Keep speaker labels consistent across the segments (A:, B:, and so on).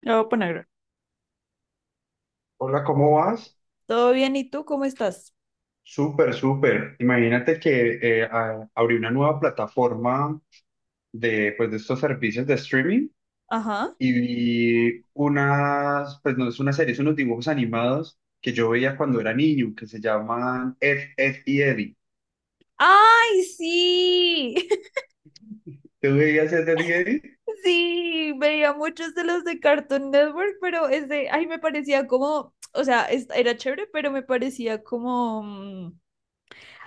A: La voy a poner.
B: Hola, ¿cómo vas?
A: ¿Todo bien? ¿Y tú cómo estás?
B: Súper, súper. Imagínate que abrí una nueva plataforma de, pues, de estos servicios de streaming
A: Ajá.
B: y vi unas, pues no es una serie, son unos dibujos animados que yo veía cuando era niño, que se llaman Ed, Ed y Eddie.
A: ¡Ay, sí!
B: ¿Tú veías Ed, Ed y Eddie?
A: Sí, veía muchos de los de Cartoon Network, pero ese, ay, me parecía como, o sea, era chévere, pero me parecía como,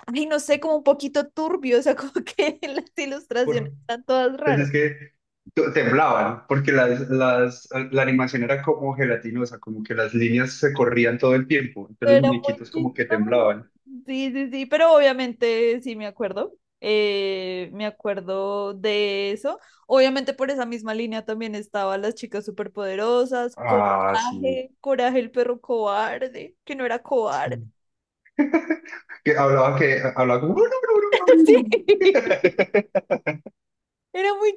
A: ay, no sé, como un poquito turbio, o sea, como que las ilustraciones
B: Por-
A: están todas
B: pues
A: raras.
B: es que temblaban, porque la animación era como gelatinosa, como que las líneas se corrían todo el tiempo, entonces los
A: Era muy
B: muñequitos como que
A: chistoso.
B: temblaban.
A: Sí, sí, sí, pero obviamente sí me acuerdo. Me acuerdo de eso. Obviamente por esa misma línea también estaba Las chicas superpoderosas,
B: Ah,
A: Coraje, Coraje el perro cobarde, que no era cobarde.
B: sí. Que hablaba como...
A: Sí, era muy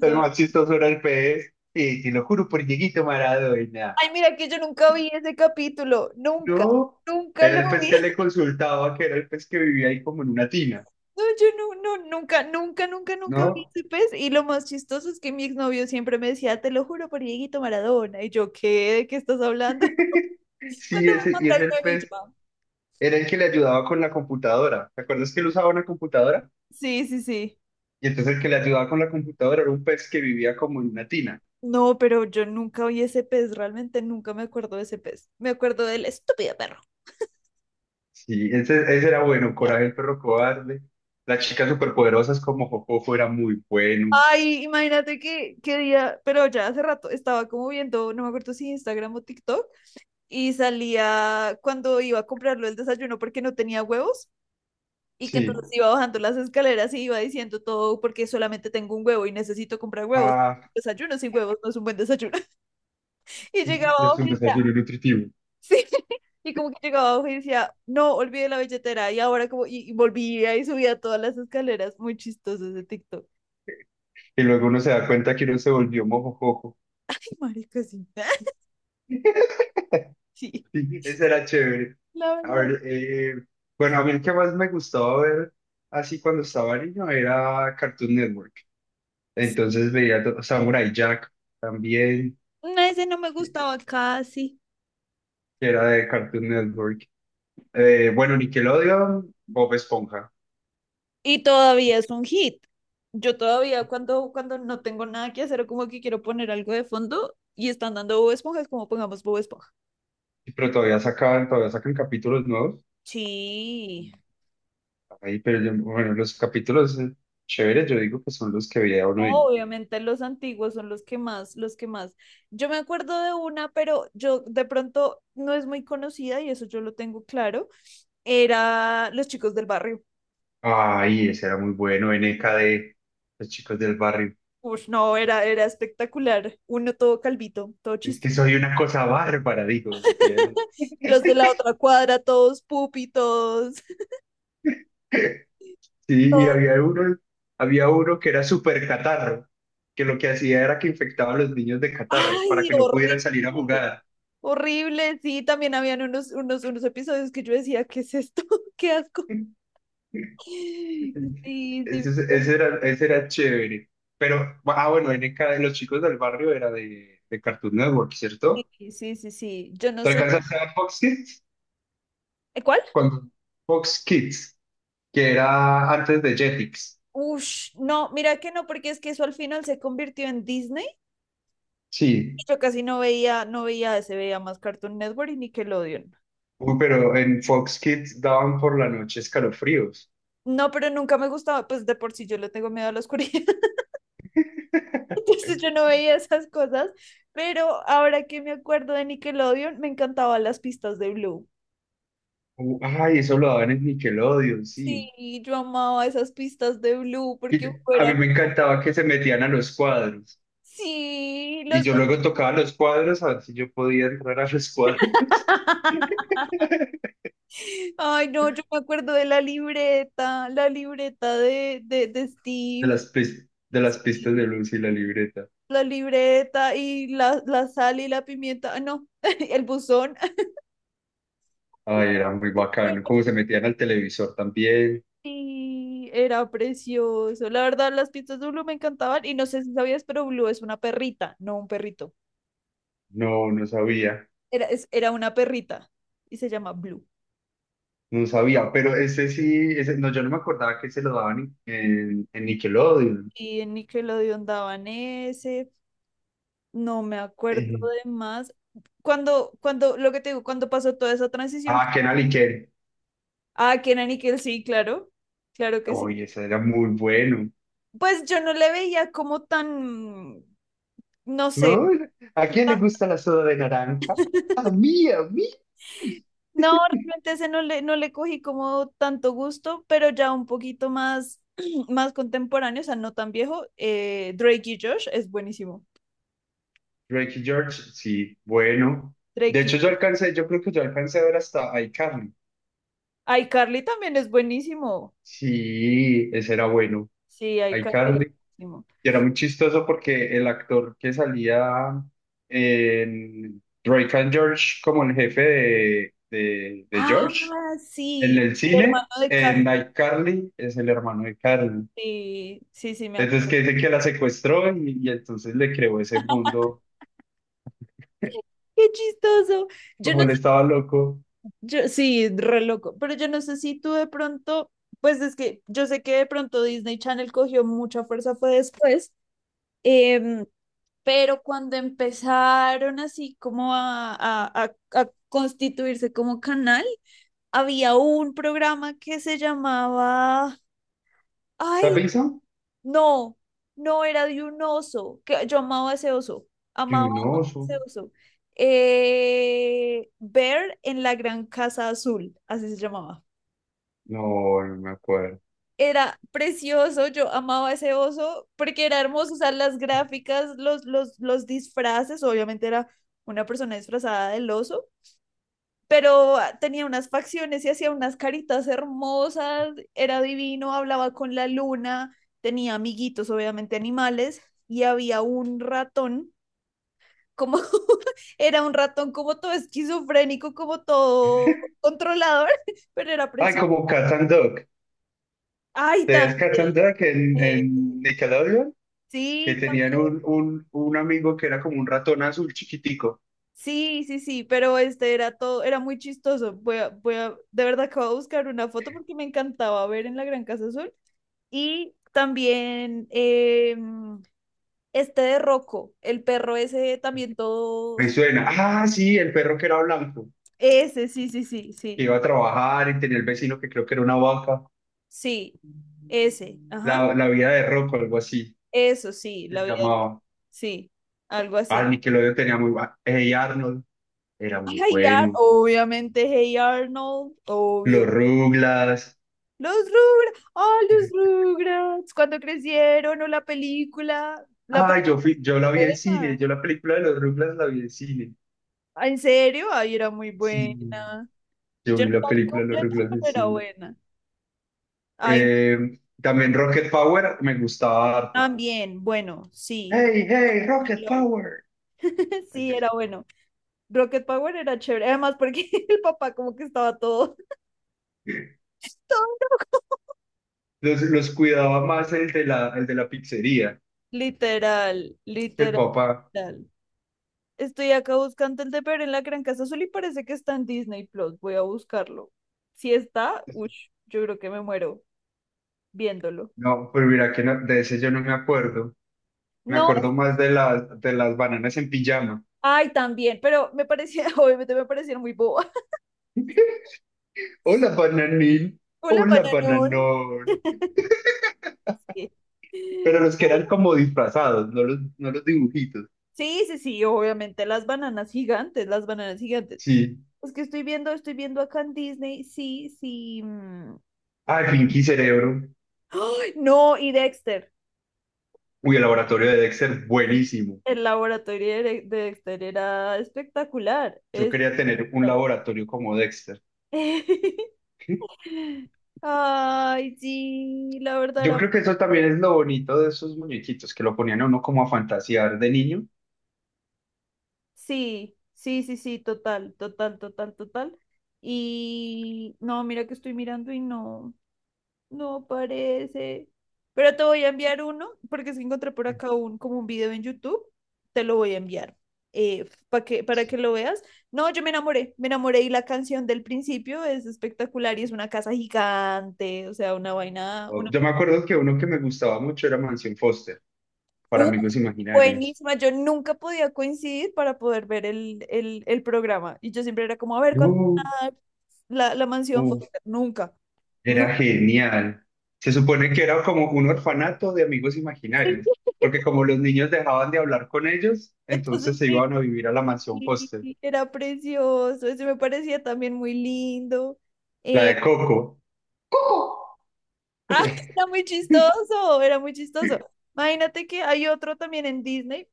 B: El más chistoso era el pez. Y te lo juro por Dieguito Maradona.
A: Ay, mira que yo nunca vi ese capítulo, nunca,
B: No,
A: nunca
B: era
A: lo
B: el pez
A: vi.
B: que le consultaba, que era el pez que vivía ahí como en una tina,
A: No, yo no, no, nunca, nunca, nunca, nunca vi
B: ¿no?
A: ese pez. Y lo más chistoso es que mi exnovio siempre me decía, te lo juro por Dieguito Maradona. Y yo, ¿qué? ¿De qué estás hablando?
B: Sí,
A: Cuando me
B: ese,
A: mandó
B: y ese
A: el
B: el
A: meme, yo,
B: pez
A: "Ah,
B: era el que le ayudaba con la computadora. ¿Te acuerdas que él usaba una computadora?
A: sí, sí, sí".
B: Y entonces el que le ayudaba con la computadora era un pez que vivía como en una tina.
A: No, pero yo nunca vi ese pez, realmente nunca me acuerdo de ese pez. Me acuerdo del estúpido perro.
B: Sí, ese era bueno. Coraje el perro cobarde. Las chicas superpoderosas como Jojojo era muy bueno.
A: Ay, imagínate que día, pero ya hace rato estaba como viendo, no me acuerdo si Instagram o TikTok, y salía cuando iba a comprarlo el desayuno porque no tenía huevos. Y que
B: Sí,
A: entonces iba bajando las escaleras y iba diciendo todo porque solamente tengo un huevo y necesito comprar huevos.
B: ah,
A: Desayuno sin huevos no es un buen desayuno. Y
B: sí,
A: llegaba
B: es
A: abajo
B: un
A: y decía,
B: desayuno nutritivo.
A: sí. Y como que llegaba abajo y decía, no, olvidé la billetera. Y ahora como, y volvía y subía todas las escaleras. Muy chistoso ese TikTok.
B: Y luego uno se da cuenta que uno se volvió mojojojo.
A: Sí, marica, sí. Sí,
B: Sí, eso era chévere.
A: la
B: A
A: verdad.
B: ver, eh, bueno, a mí el que más me gustaba ver así cuando estaba niño era Cartoon Network. Entonces veía Samurai Jack también,
A: No, ese no me
B: que
A: gustaba casi.
B: era de Cartoon Network. Bueno, Nickelodeon, Bob Esponja.
A: Y todavía es un hit. Yo todavía cuando no tengo nada que hacer o como que quiero poner algo de fondo y están dando Bob Esponja, es como pongamos Bob Esponja.
B: Sí, pero todavía sacan capítulos nuevos.
A: Sí.
B: Ahí, pero bueno, los capítulos chéveres, yo digo que son los que veía uno de niño.
A: Obviamente los antiguos son los que más, los que más. Yo me acuerdo de una, pero yo de pronto no es muy conocida y eso yo lo tengo claro. Era Los Chicos del Barrio.
B: Ay, ese era muy bueno, NKD, los chicos del barrio.
A: Uf, no, era, era espectacular. Uno todo calvito, todo
B: Es
A: chistoso.
B: que soy una cosa bárbara, digo. Decía él.
A: Los de la otra cuadra, todos pupi, todos,
B: Sí,
A: todos.
B: había uno que era súper catarro, que lo que hacía era que infectaba a los niños de catarro para
A: Ay,
B: que no pudieran salir a
A: horrible,
B: jugar.
A: horrible. Sí, también habían unos, unos, unos episodios que yo decía, ¿qué es esto? ¡Qué asco! Sí, sí,
B: Ese era chévere. Pero, ah, bueno, NKD, los chicos del barrio era de Cartoon Network, ¿cierto?
A: sí, sí, sí, sí. Yo no
B: ¿Te
A: sé.
B: alcanzaste a Fox Kids?
A: Cuál?
B: Cuando Fox Kids, que era antes de Jetix.
A: Ush, no, mira que no, porque es que eso al final se convirtió en Disney. Y
B: Sí.
A: yo casi no veía, no veía ese, veía más Cartoon Network y Nickelodeon.
B: Uy, pero en Fox Kids daban por la noche escalofríos.
A: No, pero nunca me gustaba, pues de por sí yo le tengo miedo a la oscuridad, entonces yo no veía esas cosas, pero ahora que me acuerdo de Nickelodeon, me encantaban las pistas de Blue.
B: Ay, eso lo daban en Nickelodeon, sí.
A: Sí, yo amaba esas pistas de Blue porque
B: A mí
A: fueran.
B: me encantaba que se metían a los cuadros.
A: Sí,
B: Y
A: los
B: yo
A: dos.
B: luego tocaba los cuadros a ver si yo podía entrar a los cuadros de
A: Ay, no, yo me acuerdo de la libreta de Steve,
B: de las pistas de
A: sí,
B: luz y la libreta.
A: la libreta y la sal y la pimienta, ah, no, el buzón.
B: Ay, era muy
A: Pero
B: bacano. Como se metían al televisor también.
A: sí, era precioso. La verdad, las pistas de Blue me encantaban y no sé si sabías, pero Blue es una perrita, no un perrito.
B: No, no sabía.
A: Era, era una perrita y se llama Blue.
B: No sabía, pero ese sí, ese, no, yo no me acordaba que se lo daban en, en Nickelodeon.
A: Y en Nickelodeon daban ese, no me acuerdo de más. Cuando lo que te digo, cuando pasó toda esa transición,
B: Ah, Kenal y Ken.
A: ah, que era Nickel, sí, claro, claro que sí.
B: Oye, ese era muy bueno.
A: Pues yo no le veía como tan, no sé,
B: ¿No? ¿A quién le
A: tan-
B: gusta la soda de naranja? A mí, a mí.
A: no, realmente ese no le, no le cogí como tanto gusto, pero ya un poquito más, más contemporáneo, o sea, no tan viejo, Drake y Josh es buenísimo.
B: Drake y George, sí, bueno. De
A: Drake y
B: hecho, yo
A: Josh.
B: alcancé, yo creo que yo alcancé a ver hasta iCarly.
A: iCarly también es buenísimo.
B: Sí, ese era bueno.
A: Sí, iCarly es
B: iCarly.
A: buenísimo.
B: Y era muy chistoso porque el actor que salía en Drake and George como el jefe de, de George
A: Ah,
B: en
A: sí,
B: el
A: el
B: cine,
A: hermano de
B: en
A: Carmen.
B: iCarly, es el hermano de Carly.
A: Sí, sí, sí, me
B: Entonces
A: acuerdo.
B: que dice que la secuestró y entonces le creó ese mundo,
A: Qué chistoso. Yo no
B: como él
A: sé,
B: estaba loco.
A: yo, sí, re loco, pero yo no sé si tú de pronto, pues es que yo sé que de pronto Disney Channel cogió mucha fuerza, fue después, em, pero cuando empezaron así como a constituirse como canal, había un programa que se llamaba, ay,
B: ¿Sapinson?
A: no, no era de un oso, que yo amaba ese oso, amaba, amaba
B: Junoso.
A: ese oso. Bear en la Gran Casa Azul, así se llamaba.
B: No, no me acuerdo.
A: Era precioso, yo amaba ese oso porque era hermoso, o sea, las gráficas, los disfraces, obviamente era una persona disfrazada del oso, pero tenía unas facciones y hacía unas caritas hermosas, era divino, hablaba con la luna, tenía amiguitos, obviamente animales, y había un ratón, como era un ratón como todo esquizofrénico, como todo controlador, pero era
B: Ay,
A: precioso.
B: como Cat and Dog.
A: Ay,
B: ¿Te veías Cat and
A: también.
B: Dog en,
A: eh,
B: Nickelodeon? Que
A: Sí,
B: tenían un, un amigo que era como un ratón azul chiquitico.
A: sí, sí, sí, pero este era todo, era muy chistoso. De verdad que voy a buscar una foto porque me encantaba ver en la Gran Casa Azul. Y también este de Rocco, el perro ese también todo.
B: Me suena. Ah, sí, el perro que era blanco,
A: Ese, sí, sí, sí,
B: que
A: sí.
B: iba a trabajar y tenía el vecino que creo que era una vaca.
A: Sí, ese. Ajá.
B: La vida de Rocco, algo así,
A: Eso sí,
B: se
A: la vida.
B: llamaba.
A: Sí, algo
B: Ah,
A: así.
B: Nickelodeon tenía muy... Hey Arnold. Era muy
A: Ay,
B: bueno.
A: obviamente, Hey Arnold,
B: Los
A: obvio.
B: Ruglas.
A: Los Rugrats, ah, los Rugrats, cuando crecieron, o la película, la
B: Ay, yo fui, yo la vi en cine,
A: película.
B: yo la película de los Ruglas la vi en cine.
A: ¿En serio? Ay, era muy
B: Sí,
A: buena.
B: yo
A: Yo no
B: vi la
A: la vi
B: película de los
A: completa,
B: Ruglas en
A: pero era
B: cine.
A: buena. Ay,
B: También Rocket Power me gustaba harto.
A: también, bueno, sí,
B: Hey, hey,
A: Rocket
B: Rocket
A: Melón.
B: Power.
A: Sí,
B: Empecé.
A: era bueno. Rocket Power era chévere, además porque el papá como que estaba todo, todo
B: Los cuidaba más el de la pizzería
A: literal,
B: que el
A: literal.
B: papá.
A: Estoy acá buscando el de Pero en la Gran Casa Azul y parece que está en Disney Plus. Voy a buscarlo. Si está, uff, yo creo que me muero viéndolo.
B: No, pero mira que de ese yo no me acuerdo. Me
A: No,
B: acuerdo más de las bananas en pijama.
A: ay, también, pero me parecía, obviamente me parecieron muy boba.
B: Hola, bananín.
A: Hola,
B: Hola,
A: bananón.
B: bananón.
A: Sí.
B: Pero los que eran como disfrazados, no los, no los dibujitos.
A: Sí, sí, sí, obviamente las bananas gigantes, las bananas gigantes.
B: Sí.
A: Es que estoy viendo acá en Disney, sí, sí. Mm.
B: Ah, Pinky Cerebro.
A: ¡Ay, no, y Dexter,
B: Uy, el laboratorio de Dexter, buenísimo.
A: el laboratorio de de Dexter era espectacular,
B: Yo quería
A: espectacular.
B: tener un laboratorio como Dexter.
A: Ay, sí, la verdad
B: Yo
A: era...
B: creo que eso también es lo bonito de esos muñequitos, que lo ponían a uno como a fantasear de niño.
A: Sí, sí, sí, sí, total, total, total, total. Y no, mira que estoy mirando y no. No parece. Pero te voy a enviar uno, porque se encontré por acá un, como un video en YouTube. Te lo voy a enviar para
B: Sí.
A: que lo veas. No, yo me enamoré y la canción del principio es espectacular y es una casa gigante, o sea, una vaina, una...
B: Yo me acuerdo que uno que me gustaba mucho era Mansión Foster, para
A: ¡Uh!
B: Amigos Imaginarios.
A: Buenísima, yo nunca podía coincidir para poder ver el programa. Y yo siempre era como, a ver, ¿cuándo van
B: No,
A: a dar la, la mansión Foster? Nunca, nunca.
B: era genial. Se supone que era como un orfanato de amigos imaginarios, porque como los niños dejaban de hablar con ellos,
A: Entonces,
B: entonces se
A: sí,
B: iban a vivir a la mansión Foster,
A: sí, era precioso, ese me parecía también muy lindo.
B: la
A: Eh,
B: de Coco.
A: ah, era muy chistoso, era muy chistoso. Imagínate que hay otro también en Disney,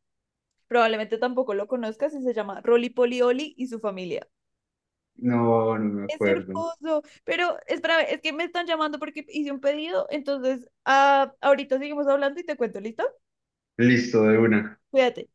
A: probablemente tampoco lo conozcas, y se llama Rolly Polly Olly y su familia.
B: No, no me
A: Es
B: acuerdo.
A: hermoso, pero espera, es que me están llamando porque hice un pedido, entonces ah, ahorita seguimos hablando y te cuento, ¿listo?
B: Listo, de una.
A: Cuídate.